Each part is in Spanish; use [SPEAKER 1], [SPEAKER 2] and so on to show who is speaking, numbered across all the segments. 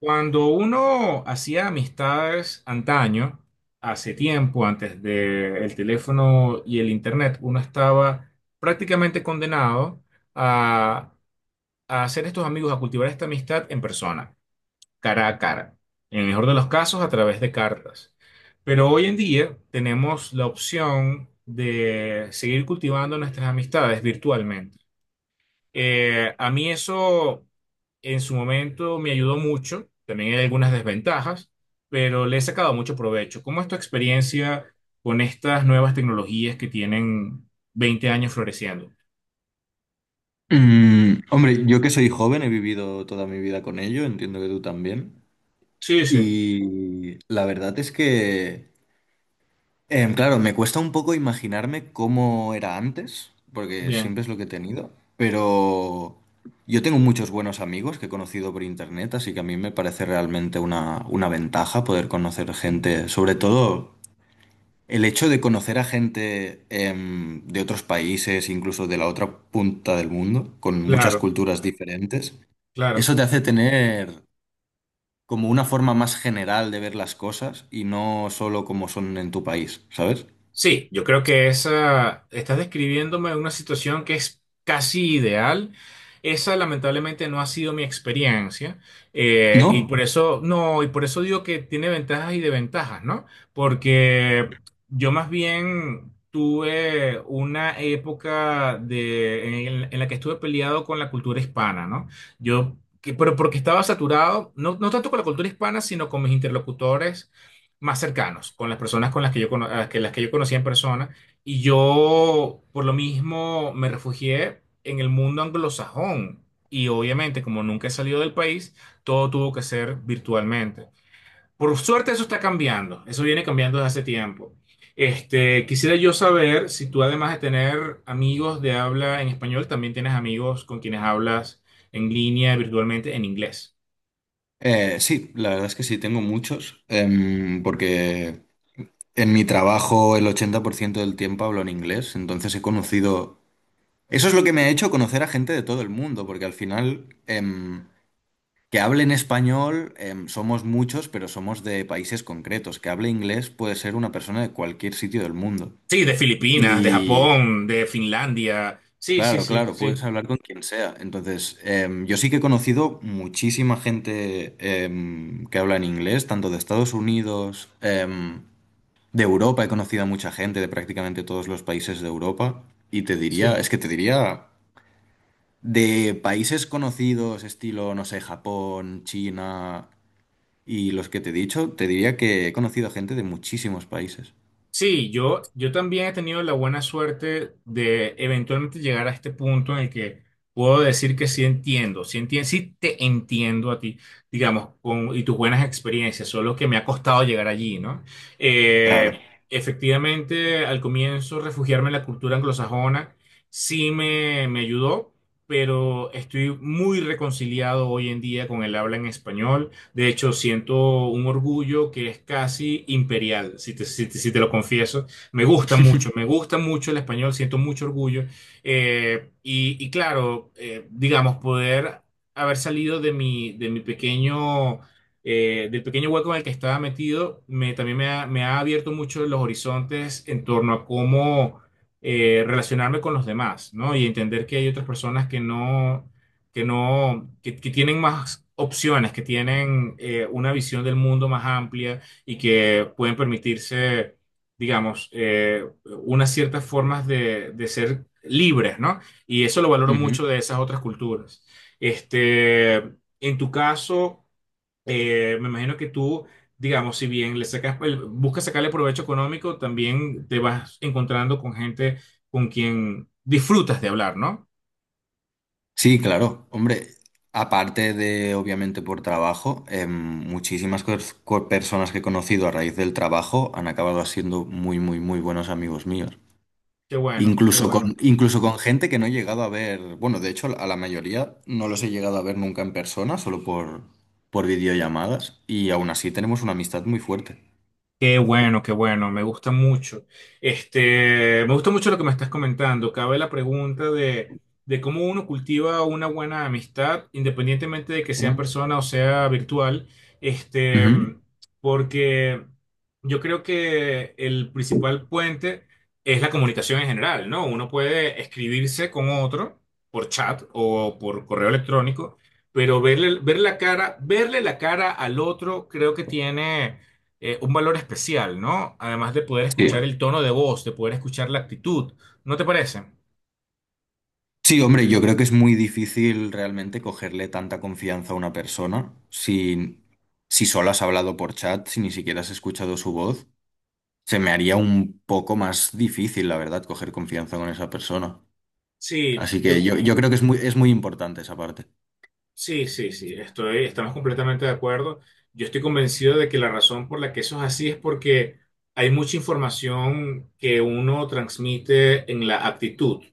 [SPEAKER 1] Cuando uno hacía amistades antaño, hace tiempo, antes del teléfono y el internet, uno estaba prácticamente condenado a, a hacer estos amigos, a cultivar esta amistad en persona, cara a cara. En el mejor de los casos, a través de cartas. Pero hoy en día tenemos la opción de seguir cultivando nuestras amistades virtualmente. A mí eso en su momento me ayudó mucho, también hay algunas desventajas, pero le he sacado mucho provecho. ¿Cómo es tu experiencia con estas nuevas tecnologías que tienen 20 años floreciendo?
[SPEAKER 2] Mm, hombre, yo que soy joven he vivido toda mi vida con ello, entiendo que tú también.
[SPEAKER 1] Sí, sí,
[SPEAKER 2] Y la verdad es que, claro, me cuesta un poco imaginarme cómo era antes, porque
[SPEAKER 1] bien,
[SPEAKER 2] siempre es lo que he tenido, pero yo tengo muchos buenos amigos que he conocido por internet, así que a mí me parece realmente una ventaja poder conocer gente, sobre todo el hecho de conocer a gente de otros países, incluso de la otra punta del mundo, con muchas
[SPEAKER 1] claro,
[SPEAKER 2] culturas diferentes.
[SPEAKER 1] claro.
[SPEAKER 2] Eso te hace tener como una forma más general de ver las cosas y no solo como son en tu país, ¿sabes?
[SPEAKER 1] Sí, yo creo que esa, estás describiéndome una situación que es casi ideal. Esa lamentablemente no ha sido mi experiencia, y
[SPEAKER 2] ¿No?
[SPEAKER 1] por eso, no, y por eso digo que tiene ventajas y desventajas, ¿no? Porque yo más bien tuve una época en la que estuve peleado con la cultura hispana, ¿no? Pero porque estaba saturado, no, no tanto con la cultura hispana, sino con mis interlocutores más cercanos, con las personas con las que yo, a las que yo conocía en persona. Y yo, por lo mismo, me refugié en el mundo anglosajón. Y obviamente, como nunca he salido del país, todo tuvo que ser virtualmente. Por suerte, eso está cambiando. Eso viene cambiando desde hace tiempo. Quisiera yo saber si tú, además de tener amigos de habla en español, también tienes amigos con quienes hablas en línea virtualmente en inglés.
[SPEAKER 2] Sí, la verdad es que sí, tengo muchos, porque en mi trabajo el 80% del tiempo hablo en inglés, entonces he conocido... Eso es lo que me ha hecho conocer a gente de todo el mundo, porque al final que hable en español somos muchos, pero somos de países concretos. Que hable inglés puede ser una persona de cualquier sitio del mundo.
[SPEAKER 1] Sí, de Filipinas, de
[SPEAKER 2] Y,
[SPEAKER 1] Japón, de Finlandia. Sí, sí,
[SPEAKER 2] Claro,
[SPEAKER 1] sí,
[SPEAKER 2] claro, sí,
[SPEAKER 1] sí,
[SPEAKER 2] puedes hablar con quien sea. Entonces, yo sí que he conocido muchísima gente que habla en inglés, tanto de Estados Unidos, de Europa, he conocido a mucha gente de prácticamente todos los países de Europa. Y te diría,
[SPEAKER 1] sí.
[SPEAKER 2] es que te diría, de países conocidos, estilo, no sé, Japón, China y los que te he dicho, te diría que he conocido a gente de muchísimos países.
[SPEAKER 1] Sí, yo también he tenido la buena suerte de eventualmente llegar a este punto en el que puedo decir que sí entiendo, sí entiendo, sí te entiendo a ti, digamos, y tus buenas experiencias, solo que me ha costado llegar allí, ¿no?
[SPEAKER 2] Claro.
[SPEAKER 1] Eh, Efectivamente, al comienzo refugiarme en la cultura anglosajona sí me ayudó, pero estoy muy reconciliado hoy en día con el habla en español. De hecho, siento un orgullo que es casi imperial, si te lo confieso. Me gusta mucho el español, siento mucho orgullo. Y claro, digamos, poder haber salido del pequeño hueco en el que estaba metido, también me ha abierto mucho los horizontes en torno a cómo relacionarme con los demás, ¿no? Y entender que hay otras personas que no que no, que tienen más opciones, que tienen una visión del mundo más amplia y que pueden permitirse, digamos, unas ciertas formas de ser libres, ¿no? Y eso lo valoro
[SPEAKER 2] Ujú.
[SPEAKER 1] mucho de esas otras culturas. Este, en tu caso, me imagino que tú, digamos, si bien buscas sacarle provecho económico, también te vas encontrando con gente con quien disfrutas de hablar, ¿no?
[SPEAKER 2] Sí, claro. Hombre, aparte de, obviamente, por trabajo, muchísimas personas que he conocido a raíz del trabajo han acabado siendo muy, muy, muy buenos amigos míos.
[SPEAKER 1] Qué bueno, qué bueno.
[SPEAKER 2] Incluso con gente que no he llegado a ver, bueno, de hecho, a la mayoría no los he llegado a ver nunca en persona, solo por videollamadas, y aún así tenemos una amistad muy fuerte.
[SPEAKER 1] Qué bueno, qué bueno, me gusta mucho. Me gusta mucho lo que me estás comentando. Cabe la pregunta de cómo uno cultiva una buena amistad, independientemente de que sea en
[SPEAKER 2] Mm.
[SPEAKER 1] persona o sea virtual. Este,
[SPEAKER 2] Ujú.
[SPEAKER 1] Porque yo creo que el principal puente es la comunicación en general, ¿no? Uno puede escribirse con otro por chat o por correo electrónico, pero verle, ver la cara, verle la cara al otro creo que tiene un valor especial, ¿no? Además de poder
[SPEAKER 2] Sí.
[SPEAKER 1] escuchar el tono de voz, de poder escuchar la actitud, ¿no te parece?
[SPEAKER 2] Sí, hombre, yo creo que es muy difícil realmente cogerle tanta confianza a una persona si, si solo has hablado por chat, si ni siquiera has escuchado su voz. Se me haría un poco más difícil, la verdad, coger confianza con esa persona.
[SPEAKER 1] Sí,
[SPEAKER 2] Así que
[SPEAKER 1] yo
[SPEAKER 2] yo creo que es muy importante esa parte.
[SPEAKER 1] sí, sí, sí, estamos completamente de acuerdo. Yo estoy convencido de que la razón por la que eso es así es porque hay mucha información que uno transmite en la actitud,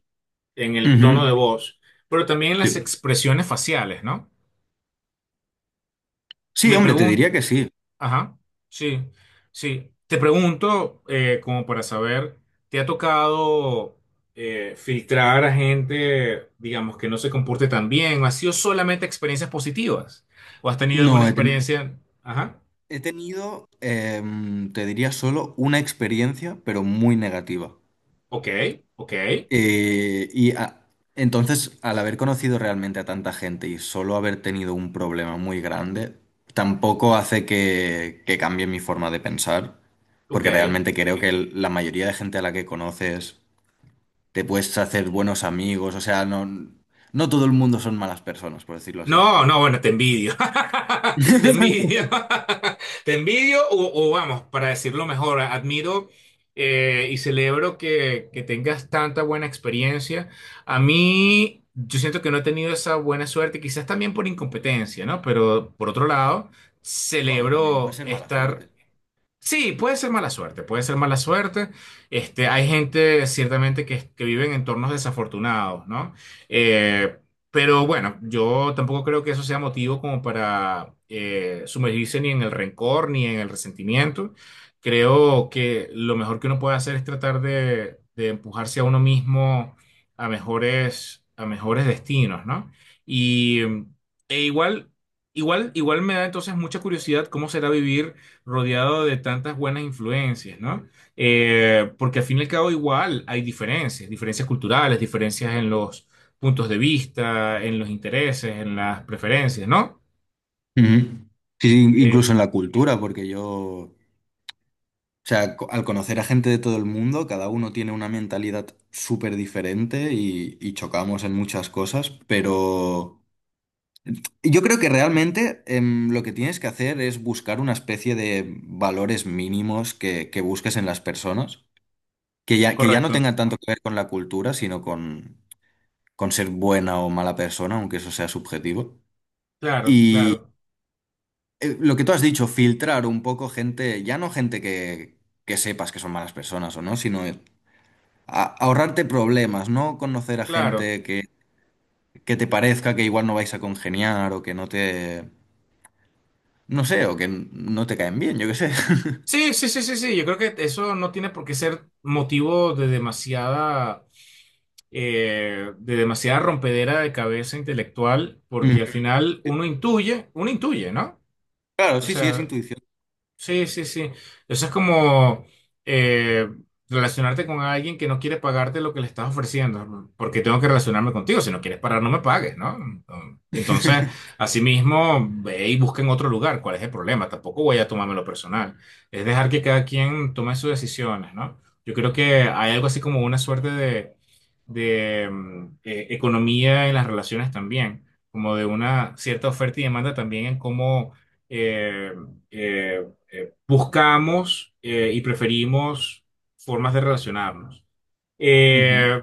[SPEAKER 1] en el tono de
[SPEAKER 2] Ujú.
[SPEAKER 1] voz, pero también en las
[SPEAKER 2] Sí.
[SPEAKER 1] expresiones faciales, ¿no?
[SPEAKER 2] Sí,
[SPEAKER 1] Me
[SPEAKER 2] hombre, te
[SPEAKER 1] pregunto.
[SPEAKER 2] diría que sí.
[SPEAKER 1] Ajá, sí, sí. Te pregunto, como para saber, ¿te ha tocado filtrar a gente, digamos, que no se comporte tan bien? ¿O ha sido solamente experiencias positivas? ¿O has tenido
[SPEAKER 2] No,
[SPEAKER 1] alguna experiencia? Ajá,
[SPEAKER 2] he tenido, te diría solo una experiencia, pero muy negativa.
[SPEAKER 1] ok, ok,
[SPEAKER 2] Eh, y a- entonces, al haber conocido realmente a tanta gente y solo haber tenido un problema muy grande, tampoco hace que cambie mi forma de pensar,
[SPEAKER 1] ok.
[SPEAKER 2] porque realmente creo que la mayoría de gente a la que conoces te puedes hacer buenos amigos, o sea, no, no todo el mundo son malas personas, por decirlo así.
[SPEAKER 1] No, no, bueno, te envidio. Te envidio. Te envidio o vamos, para decirlo mejor, admiro y celebro que tengas tanta buena experiencia. A mí, yo siento que no he tenido esa buena suerte, quizás también por incompetencia, ¿no? Pero por otro lado,
[SPEAKER 2] Bueno, también puede
[SPEAKER 1] celebro
[SPEAKER 2] ser mala
[SPEAKER 1] estar.
[SPEAKER 2] suerte.
[SPEAKER 1] Sí, puede ser mala suerte, puede ser mala suerte. Hay gente ciertamente que vive en entornos desafortunados, ¿no? Eh, pero bueno, yo tampoco creo que eso sea motivo como para sumergirse ni en el rencor ni en el resentimiento. Creo que lo mejor que uno puede hacer es tratar de empujarse a uno mismo a mejores destinos, ¿no? Y e igual, igual me da entonces mucha curiosidad cómo será vivir rodeado de tantas buenas influencias, ¿no? Porque al fin y al cabo igual hay diferencias, diferencias culturales, diferencias en los puntos de vista, en los intereses, en las preferencias, ¿no?
[SPEAKER 2] Ujú. Sí, sí,
[SPEAKER 1] Eh,
[SPEAKER 2] incluso en la cultura, porque yo... O sea, al conocer a gente de todo el mundo, cada uno tiene una mentalidad súper diferente y chocamos en muchas cosas, pero yo creo que realmente lo que tienes que hacer es buscar una especie de valores mínimos que busques en las personas, que ya no
[SPEAKER 1] correcto,
[SPEAKER 2] tengan tanto que ver con la cultura, sino con ser buena o mala persona, aunque eso sea subjetivo.
[SPEAKER 1] claro,
[SPEAKER 2] Y
[SPEAKER 1] claro,
[SPEAKER 2] lo que tú has dicho, filtrar un poco gente, ya no gente que sepas que son malas personas o no, sino ahorrarte problemas, ¿no? Conocer a
[SPEAKER 1] claro.
[SPEAKER 2] gente que te parezca que igual no vais a congeniar o que no te, no sé, o que no te caen bien, yo qué sé.
[SPEAKER 1] Sí, sí, sí, sí, sí, yo creo que eso no tiene por qué ser motivo de de demasiada rompedera de cabeza intelectual,
[SPEAKER 2] Ujú.
[SPEAKER 1] porque al final uno intuye, ¿no?
[SPEAKER 2] Claro,
[SPEAKER 1] O
[SPEAKER 2] sí, sí, es
[SPEAKER 1] sea,
[SPEAKER 2] intuición.
[SPEAKER 1] sí, sí, sí. Eso es como eh, relacionarte con alguien que no quiere pagarte lo que le estás ofreciendo, ¿no? Porque tengo que relacionarme contigo. Si no quieres parar, no me pagues, ¿no? Entonces, asimismo, ve y busca en otro lugar. ¿Cuál es el problema? Tampoco voy a tomármelo personal. Es dejar que cada quien tome sus decisiones, ¿no? Yo creo que hay algo así como una suerte de economía en las relaciones también, como de una cierta oferta y demanda también en cómo... eh, eh, buscamos y preferimos formas de relacionarnos.
[SPEAKER 2] Ujú,
[SPEAKER 1] Eh,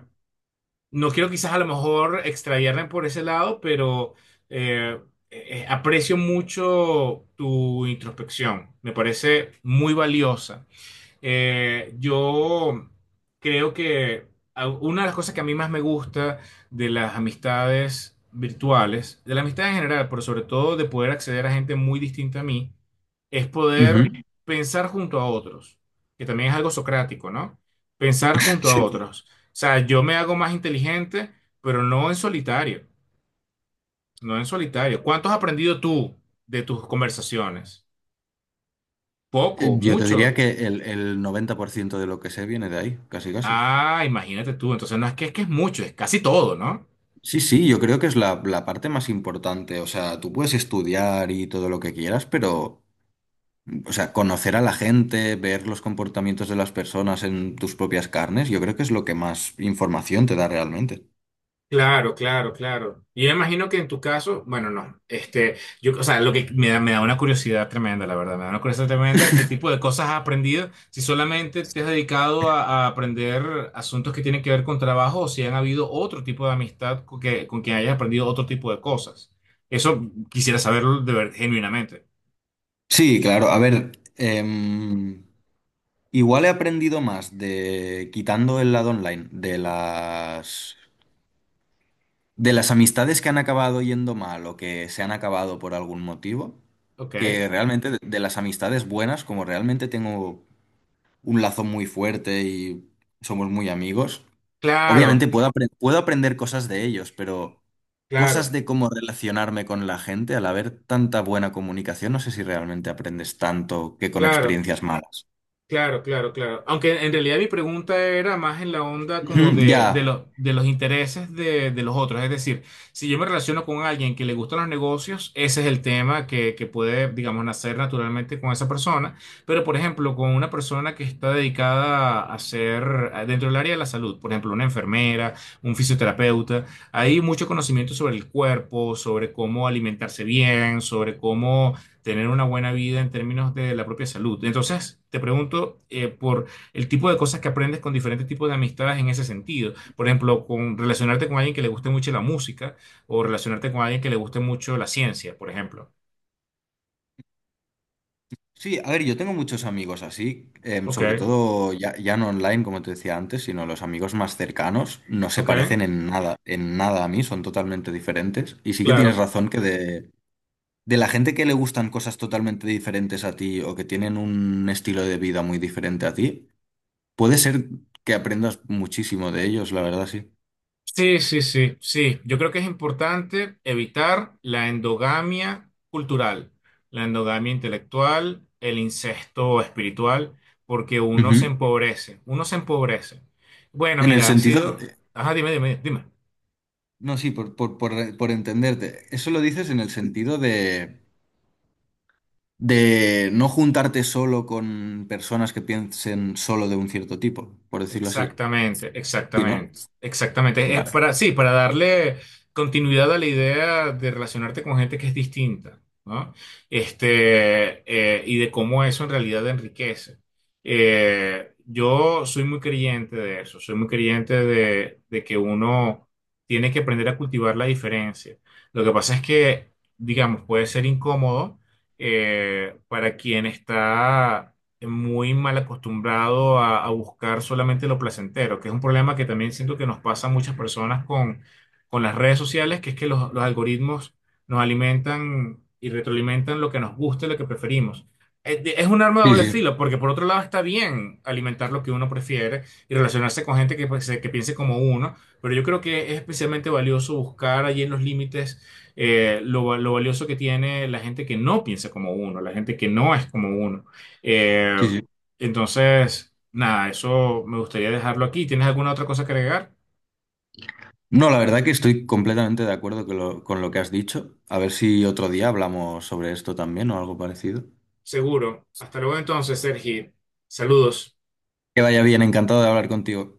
[SPEAKER 1] no quiero quizás a lo mejor extraviarme por ese lado, pero eh, aprecio mucho tu introspección. Me parece muy valiosa. Yo creo que una de las cosas que a mí más me gusta de las amistades virtuales, de la amistad en general, pero sobre todo de poder acceder a gente muy distinta a mí, es poder
[SPEAKER 2] ujú.
[SPEAKER 1] pensar junto a otros, que también es algo socrático, ¿no? Pensar junto a
[SPEAKER 2] Sí.
[SPEAKER 1] otros. O sea, yo me hago más inteligente, pero no en solitario, no en solitario. ¿Cuánto has aprendido tú de tus conversaciones? Poco,
[SPEAKER 2] Yo te diría
[SPEAKER 1] mucho.
[SPEAKER 2] que el 90% de lo que sé viene de ahí, casi casi.
[SPEAKER 1] Ah, imagínate tú. Entonces no es que es mucho, es casi todo, ¿no?
[SPEAKER 2] Sí, sí, yo creo que es la parte más importante. O sea, tú puedes estudiar y todo lo que quieras, pero o sea, conocer a la gente, ver los comportamientos de las personas en tus propias carnes, yo creo que es lo que más información te da realmente.
[SPEAKER 1] Claro, claro, claro. Y yo imagino que en tu caso, bueno, no, o sea, lo que me da una curiosidad tremenda, la verdad. Me da una curiosidad tremenda. ¿Qué tipo de cosas has aprendido? Si solamente te has dedicado a aprender asuntos que tienen que ver con trabajo o si han habido otro tipo de amistad con quien hayas aprendido otro tipo de cosas. Eso quisiera saberlo de ver, genuinamente.
[SPEAKER 2] Sí, claro. A ver, igual he aprendido más de quitando el lado online, de las amistades que han acabado yendo mal o que se han acabado por algún motivo,
[SPEAKER 1] Ok.
[SPEAKER 2] que realmente de las amistades buenas, como realmente tengo un lazo muy fuerte y somos muy amigos, obviamente
[SPEAKER 1] Claro,
[SPEAKER 2] puedo, puedo aprender cosas de ellos, pero cosas
[SPEAKER 1] claro,
[SPEAKER 2] de cómo relacionarme con la gente, al haber tanta buena comunicación, no sé si realmente aprendes tanto que con
[SPEAKER 1] claro.
[SPEAKER 2] experiencias malas.
[SPEAKER 1] Claro, claro, claro. Aunque en realidad mi pregunta era más en la onda como
[SPEAKER 2] Ujú, ya.
[SPEAKER 1] los de los intereses de los otros. Es decir, si yo me relaciono con alguien que le gustan los negocios, ese es el tema que puede, digamos, nacer naturalmente con esa persona. Pero, por ejemplo, con una persona que está dedicada dentro del área de la salud, por ejemplo, una enfermera, un fisioterapeuta, hay mucho conocimiento sobre el cuerpo, sobre cómo alimentarse bien, sobre cómo tener una buena vida en términos de la propia salud. Entonces, te pregunto por el tipo de cosas que aprendes con diferentes tipos de amistades en ese sentido. Por ejemplo, con relacionarte con alguien que le guste mucho la música o relacionarte con alguien que le guste mucho la ciencia, por ejemplo.
[SPEAKER 2] Sí, a ver, yo tengo muchos amigos así,
[SPEAKER 1] Ok,
[SPEAKER 2] sobre todo ya, ya no online, como te decía antes, sino los amigos más cercanos, no se
[SPEAKER 1] ok,
[SPEAKER 2] parecen en nada a mí, son totalmente diferentes. Y sí que tienes
[SPEAKER 1] claro.
[SPEAKER 2] razón que de la gente que le gustan cosas totalmente diferentes a ti o que tienen un estilo de vida muy diferente a ti, puede ser que aprendas muchísimo de ellos, la verdad, sí.
[SPEAKER 1] Sí, sí, sí, sí. Yo creo que es importante evitar la endogamia cultural, la endogamia intelectual, el incesto espiritual, porque uno se
[SPEAKER 2] Ujú.
[SPEAKER 1] empobrece, uno se empobrece. Bueno,
[SPEAKER 2] En el
[SPEAKER 1] mira, ha
[SPEAKER 2] sentido
[SPEAKER 1] sido.
[SPEAKER 2] de...
[SPEAKER 1] Ajá, dime, dime, dime.
[SPEAKER 2] No, sí, por entenderte. Eso lo dices en el sentido de no juntarte solo con personas que piensen solo de un cierto tipo, por decirlo así.
[SPEAKER 1] Exactamente,
[SPEAKER 2] ¿Sí, no?
[SPEAKER 1] exactamente, exactamente. Es
[SPEAKER 2] Vale.
[SPEAKER 1] para, sí, para darle continuidad a la idea de relacionarte con gente que es distinta, ¿no? Y de cómo eso en realidad enriquece. Yo soy muy creyente de eso, soy muy creyente de que uno tiene que aprender a cultivar la diferencia. Lo que pasa es que, digamos, puede ser incómodo para quien está muy mal acostumbrado a buscar solamente lo placentero, que es un problema que también siento que nos pasa a muchas personas con las redes sociales, que es que los algoritmos nos alimentan y retroalimentan lo que nos gusta y lo que preferimos. Es un arma de
[SPEAKER 2] Sí,
[SPEAKER 1] doble
[SPEAKER 2] sí,
[SPEAKER 1] filo, porque por otro lado está bien alimentar lo que uno prefiere y relacionarse con gente que, pues, que piense como uno, pero yo creo que es especialmente valioso buscar allí en los límites lo valioso que tiene la gente que no piensa como uno, la gente que no es como uno. Eh,
[SPEAKER 2] sí, sí.
[SPEAKER 1] entonces, nada, eso me gustaría dejarlo aquí. ¿Tienes alguna otra cosa que agregar?
[SPEAKER 2] No, la verdad que estoy completamente de acuerdo con lo que has dicho. A ver si otro día hablamos sobre esto también o algo parecido.
[SPEAKER 1] Seguro. Hasta luego entonces, Sergi. Saludos.
[SPEAKER 2] Que vaya bien, encantado de hablar contigo.